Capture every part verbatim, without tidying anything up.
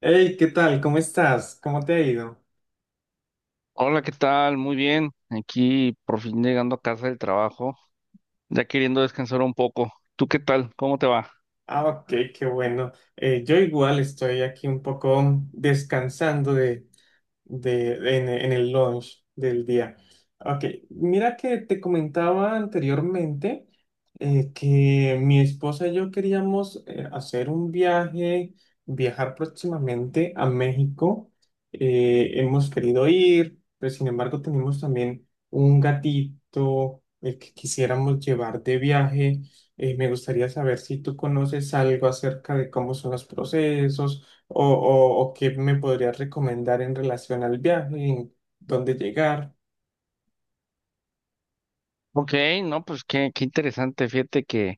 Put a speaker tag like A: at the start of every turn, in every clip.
A: Hey, ¿qué tal? ¿Cómo estás? ¿Cómo te ha ido?
B: Hola, ¿qué tal? Muy bien. Aquí por fin llegando a casa del trabajo, ya queriendo descansar un poco. ¿Tú qué tal? ¿Cómo te va?
A: Ah, ok, qué bueno. Eh, yo igual estoy aquí un poco descansando de, de, en, en el launch del día. Ok, mira que te comentaba anteriormente eh, que mi esposa y yo queríamos eh, hacer un viaje, viajar próximamente a México. Eh, hemos querido ir, pero sin embargo tenemos también un gatito el que quisiéramos llevar de viaje. Eh, me gustaría saber si tú conoces algo acerca de cómo son los procesos o, o, o qué me podrías recomendar en relación al viaje, en dónde llegar.
B: Ok, no, pues qué, qué interesante. Fíjate que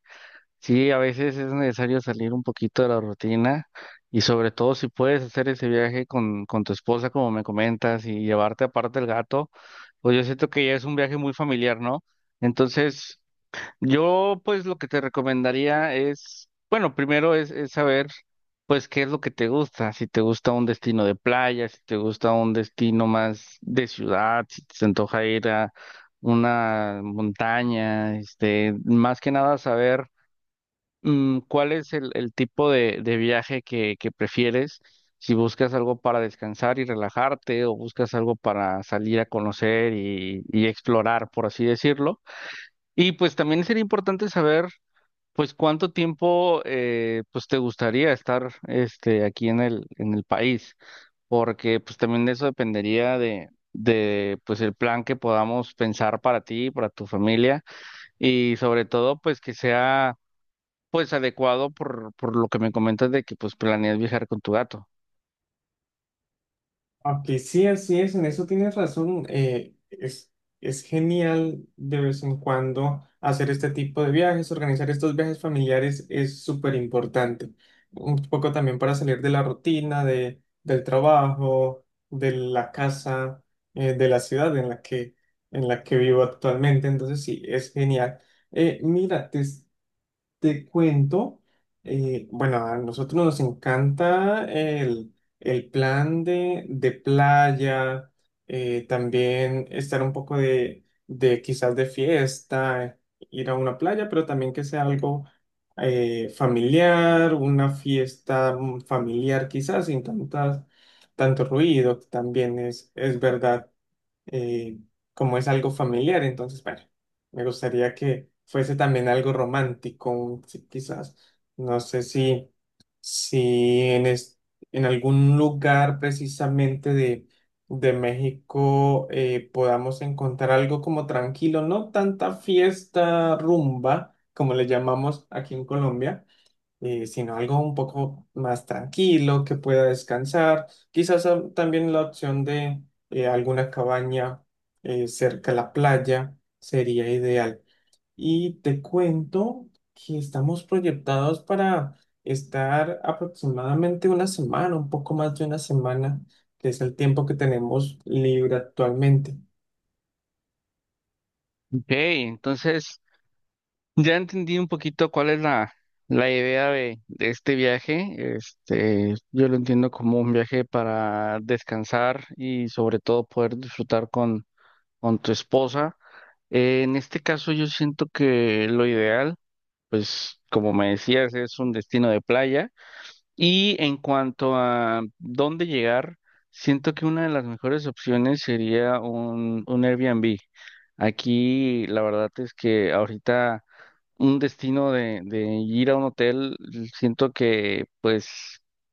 B: sí, a veces es necesario salir un poquito de la rutina y sobre todo si puedes hacer ese viaje con, con tu esposa, como me comentas, y llevarte aparte el gato, pues yo siento que ya es un viaje muy familiar, ¿no? Entonces, yo, pues, lo que te recomendaría es, bueno, primero es, es saber, pues, qué es lo que te gusta. Si te gusta un destino de playa, si te gusta un destino más de ciudad, si te antoja ir a una montaña, este, más que nada saber mm, cuál es el, el tipo de, de viaje que, que prefieres. Si buscas algo para descansar y relajarte, o buscas algo para salir a conocer y y explorar, por así decirlo. Y pues también sería importante saber. Pues cuánto tiempo eh, pues te gustaría estar este aquí en el en el país, porque pues también de eso dependería de de pues el plan que podamos pensar para ti, para tu familia y sobre todo pues que sea pues adecuado por por lo que me comentas de que pues planeas viajar con tu gato.
A: Aunque sí, así es, en eso tienes razón. Eh, es, es genial de vez en cuando hacer este tipo de viajes; organizar estos viajes familiares es súper importante. Un poco también para salir de la rutina, de, del trabajo, de la casa, eh, de la ciudad en la que, en la que vivo actualmente. Entonces sí, es genial. Eh, mira, te, Te cuento, eh, bueno, a nosotros nos encanta el, el plan de de playa, eh, también estar un poco de, de quizás de fiesta, ir a una playa, pero también que sea algo eh, familiar, una fiesta mm, familiar, quizás sin tantas, tanto ruido, que también es, es verdad. Eh, como es algo familiar, entonces, bueno, me gustaría que fuese también algo romántico, un- sí, quizás, no sé si, si en, es- en algún lugar precisamente de, de México eh, podamos encontrar algo como tranquilo, no tanta fiesta, rumba, como le llamamos aquí en Colombia, eh, sino algo un poco más tranquilo, que pueda descansar. Quizás ah, también la opción de eh, alguna cabaña eh, cerca a la playa sería ideal. Y te cuento que estamos proyectados para estar aproximadamente una semana, un poco más de una semana, que es el tiempo que tenemos libre actualmente.
B: Ok, entonces ya entendí un poquito cuál es la, la idea de, de este viaje. Este, yo lo entiendo como un viaje para descansar y sobre todo poder disfrutar con, con tu esposa. Eh, en este caso yo siento que lo ideal, pues como me decías, es un destino de playa. Y en cuanto a dónde llegar, siento que una de las mejores opciones sería un, un Airbnb. Aquí la verdad es que ahorita un destino de, de ir a un hotel, siento que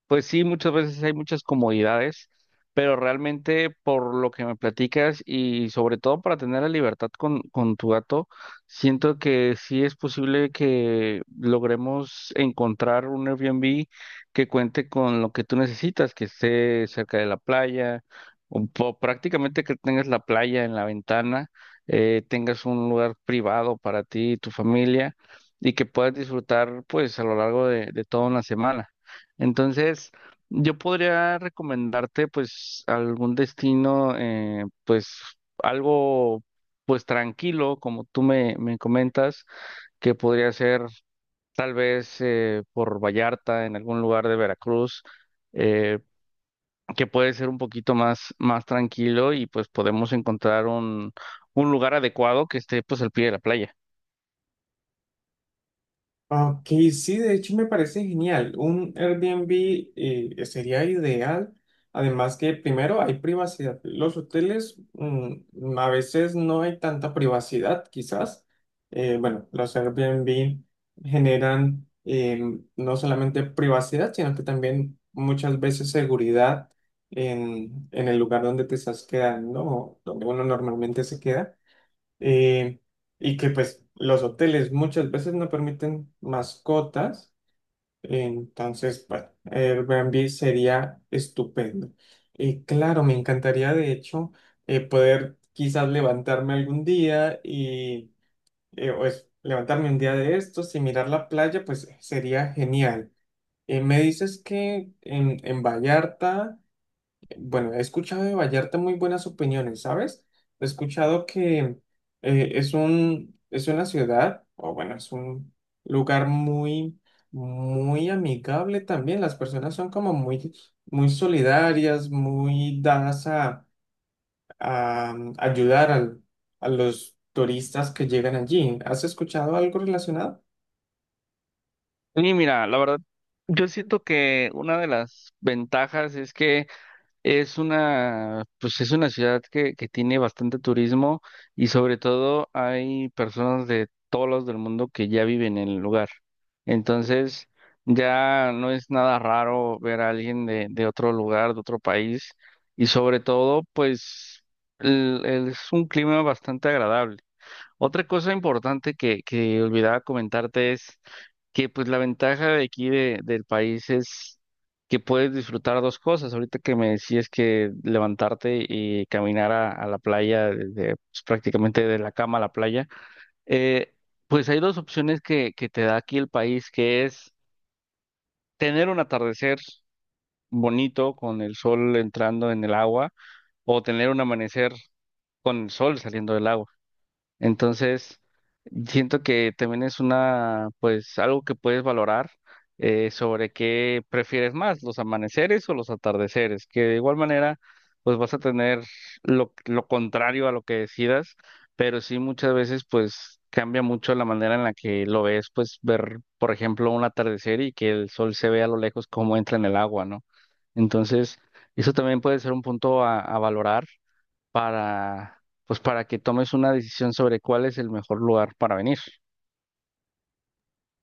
B: pues sí, muchas veces hay muchas comodidades, pero realmente por lo que me platicas y sobre todo para tener la libertad con, con tu gato, siento que sí es posible que logremos encontrar un Airbnb que cuente con lo que tú necesitas, que esté cerca de la playa, o, po- prácticamente que tengas la playa en la ventana, eh, tengas un lugar privado para ti y tu familia y que puedas disfrutar pues a lo largo de de toda una semana. Entonces, yo podría recomendarte pues algún destino, eh, pues algo pues tranquilo, como tú me, me comentas, que podría ser tal vez eh, por Vallarta, en algún lugar de Veracruz, eh, que puede ser un poquito más, más tranquilo y pues podemos encontrar un, un lugar adecuado que esté pues al pie de la playa.
A: Ok, sí, de hecho me parece genial. Un Airbnb eh, sería ideal. Además que primero hay privacidad. Los hoteles mm, a veces no hay tanta privacidad, quizás. Eh, bueno, los Airbnb generan eh, no solamente privacidad, sino que también muchas veces seguridad en, en el lugar donde te estás quedando, o donde uno normalmente se queda, eh, y que pues los hoteles muchas veces no permiten mascotas; entonces, bueno, Airbnb sería estupendo. Y claro, me encantaría de hecho eh, poder quizás levantarme algún día y eh, pues levantarme un día de estos y mirar la playa, pues sería genial. Eh, me dices que en, en Vallarta, bueno, he escuchado de Vallarta muy buenas opiniones, ¿sabes? He escuchado que eh, es un, es una ciudad, o bueno, es un lugar muy, muy amigable también. Las personas son como muy, muy solidarias, muy dadas a, a ayudar al- a los turistas que llegan allí. ¿Has escuchado algo relacionado?
B: Y mira, la verdad, yo siento que una de las ventajas es que es una, pues es una ciudad que, que tiene bastante turismo y sobre todo hay personas de todos lados del mundo que ya viven en el lugar. Entonces, ya no es nada raro ver a alguien de, de otro lugar, de otro país y sobre todo, pues el- el- es un clima bastante agradable. Otra cosa importante que, que olvidaba comentarte es que pues la ventaja de aquí de, del país es que puedes disfrutar dos cosas. Ahorita que me decías que levantarte y caminar a, a la playa, desde, pues, prácticamente de la cama a la playa, eh, pues hay dos opciones que, que te da aquí el país, que es tener un atardecer bonito con el sol entrando en el agua o tener un amanecer con el sol saliendo del agua. Entonces, siento que también es una, pues, algo que puedes valorar eh, sobre qué prefieres más, los amaneceres o los atardeceres, que de igual manera, pues vas a tener lo, lo contrario a lo que decidas, pero sí muchas veces, pues, cambia mucho la manera en la que lo ves, pues, ver, por ejemplo, un atardecer y que el sol se ve a lo lejos cómo entra en el agua, ¿no? Entonces, eso también puede ser un punto a, a valorar para, pues para que tomes una decisión sobre cuál es el mejor lugar para venir.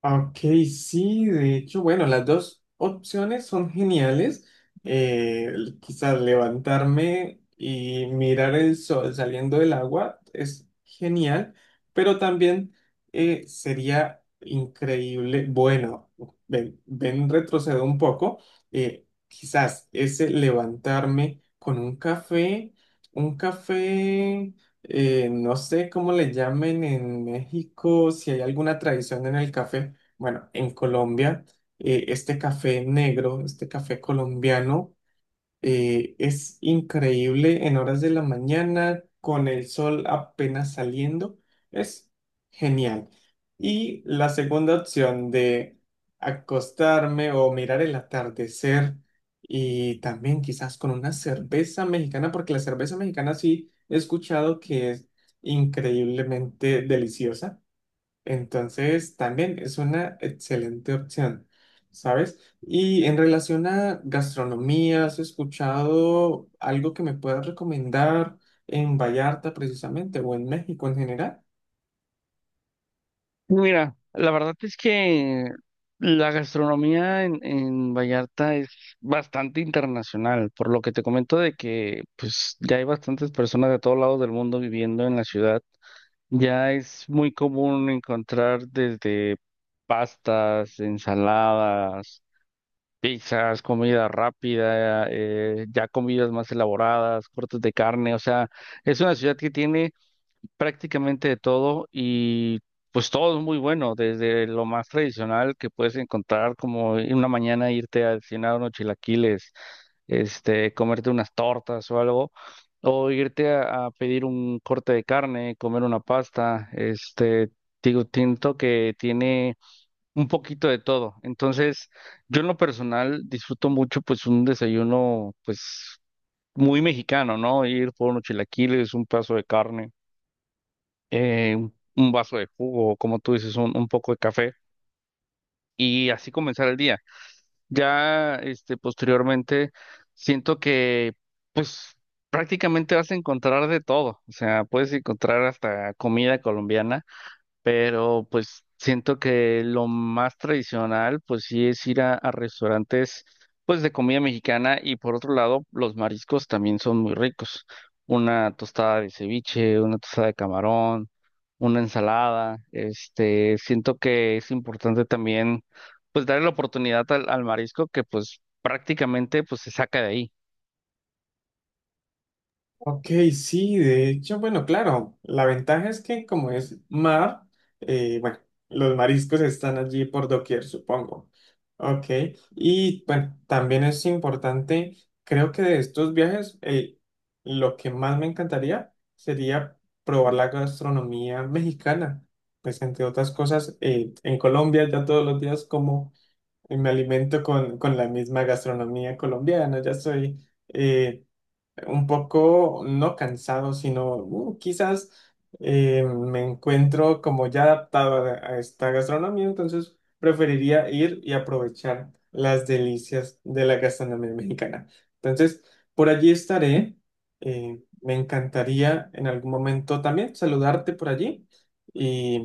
A: Ok, sí, de hecho, bueno, las dos opciones son geniales. Eh, quizás levantarme y mirar el sol saliendo del agua es genial, pero también eh, sería increíble. Bueno, ven, ven, retrocedo un poco. eh, quizás ese levantarme con un café, un café, eh, no sé cómo le llamen en México, si hay alguna tradición en el café, bueno, en Colombia, eh, este café negro, este café colombiano, eh, es increíble en horas de la mañana, con el sol apenas saliendo, es genial. Y la segunda opción de acostarme o mirar el atardecer y también quizás con una cerveza mexicana, porque la cerveza mexicana sí he escuchado que es increíblemente deliciosa. Entonces, también es una excelente opción, ¿sabes? Y en relación a gastronomía, ¿has escuchado algo que me puedas recomendar en Vallarta precisamente o en México en general?
B: Mira, la verdad es que la gastronomía en, en Vallarta es bastante internacional, por lo que te comento de que pues ya hay bastantes personas de todos lados del mundo viviendo en la ciudad. Ya es muy común encontrar desde pastas, ensaladas, pizzas, comida rápida, eh, ya comidas más elaboradas, cortes de carne, o sea, es una ciudad que tiene prácticamente de todo y pues todo es muy bueno, desde lo más tradicional que puedes encontrar, como en una mañana irte a cenar unos chilaquiles, este, comerte unas tortas o algo, o irte a, a pedir un corte de carne, comer una pasta, este, digo, siento que tiene un poquito de todo. Entonces, yo en lo personal disfruto mucho pues un desayuno pues muy mexicano, ¿no? Ir por unos chilaquiles, un pedazo de carne, eh, un un vaso de jugo, o como tú dices, un, un poco de café y así comenzar el día. Ya este posteriormente siento que pues prácticamente vas a encontrar de todo, o sea, puedes encontrar hasta comida colombiana, pero pues siento que lo más tradicional pues sí es ir a, a restaurantes pues de comida mexicana y por otro lado los mariscos también son muy ricos. Una tostada de ceviche, una tostada de camarón, una ensalada, este, siento que es importante también pues darle la oportunidad al, al marisco que pues prácticamente pues se saca de ahí.
A: Ok, sí, de hecho, bueno, claro, la ventaja es que como es mar, eh, bueno, los mariscos están allí por doquier, supongo. Ok, y bueno, también es importante, creo que de estos viajes, eh, lo que más me encantaría sería probar la gastronomía mexicana. Pues entre otras cosas, eh, en Colombia ya todos los días como, eh, me alimento con, con la misma gastronomía colombiana, ya soy... eh, un poco, no cansado, sino uh, quizás eh, me encuentro como ya adaptado a, a esta gastronomía, entonces preferiría ir y aprovechar las delicias de la gastronomía mexicana. Entonces, por allí estaré. eh, me encantaría en algún momento también saludarte por allí y,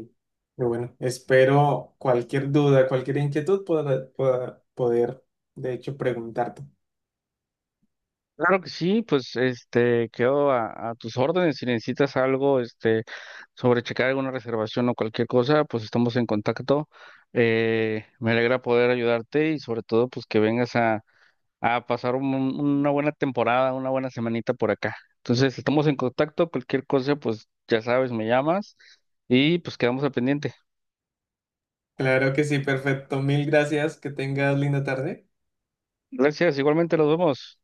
A: y bueno, espero cualquier duda, cualquier inquietud pueda, pueda poder, de hecho, preguntarte.
B: Claro que sí, pues este quedo a, a tus órdenes. Si necesitas algo, este, sobre checar alguna reservación o cualquier cosa, pues estamos en contacto. Eh, me alegra poder ayudarte y sobre todo, pues que vengas a, a pasar un- una buena temporada, una buena semanita por acá. Entonces, estamos en contacto, cualquier cosa, pues ya sabes, me llamas y pues quedamos al pendiente.
A: Claro que sí, perfecto. Mil gracias. Que tengas linda tarde.
B: Gracias, igualmente nos vemos.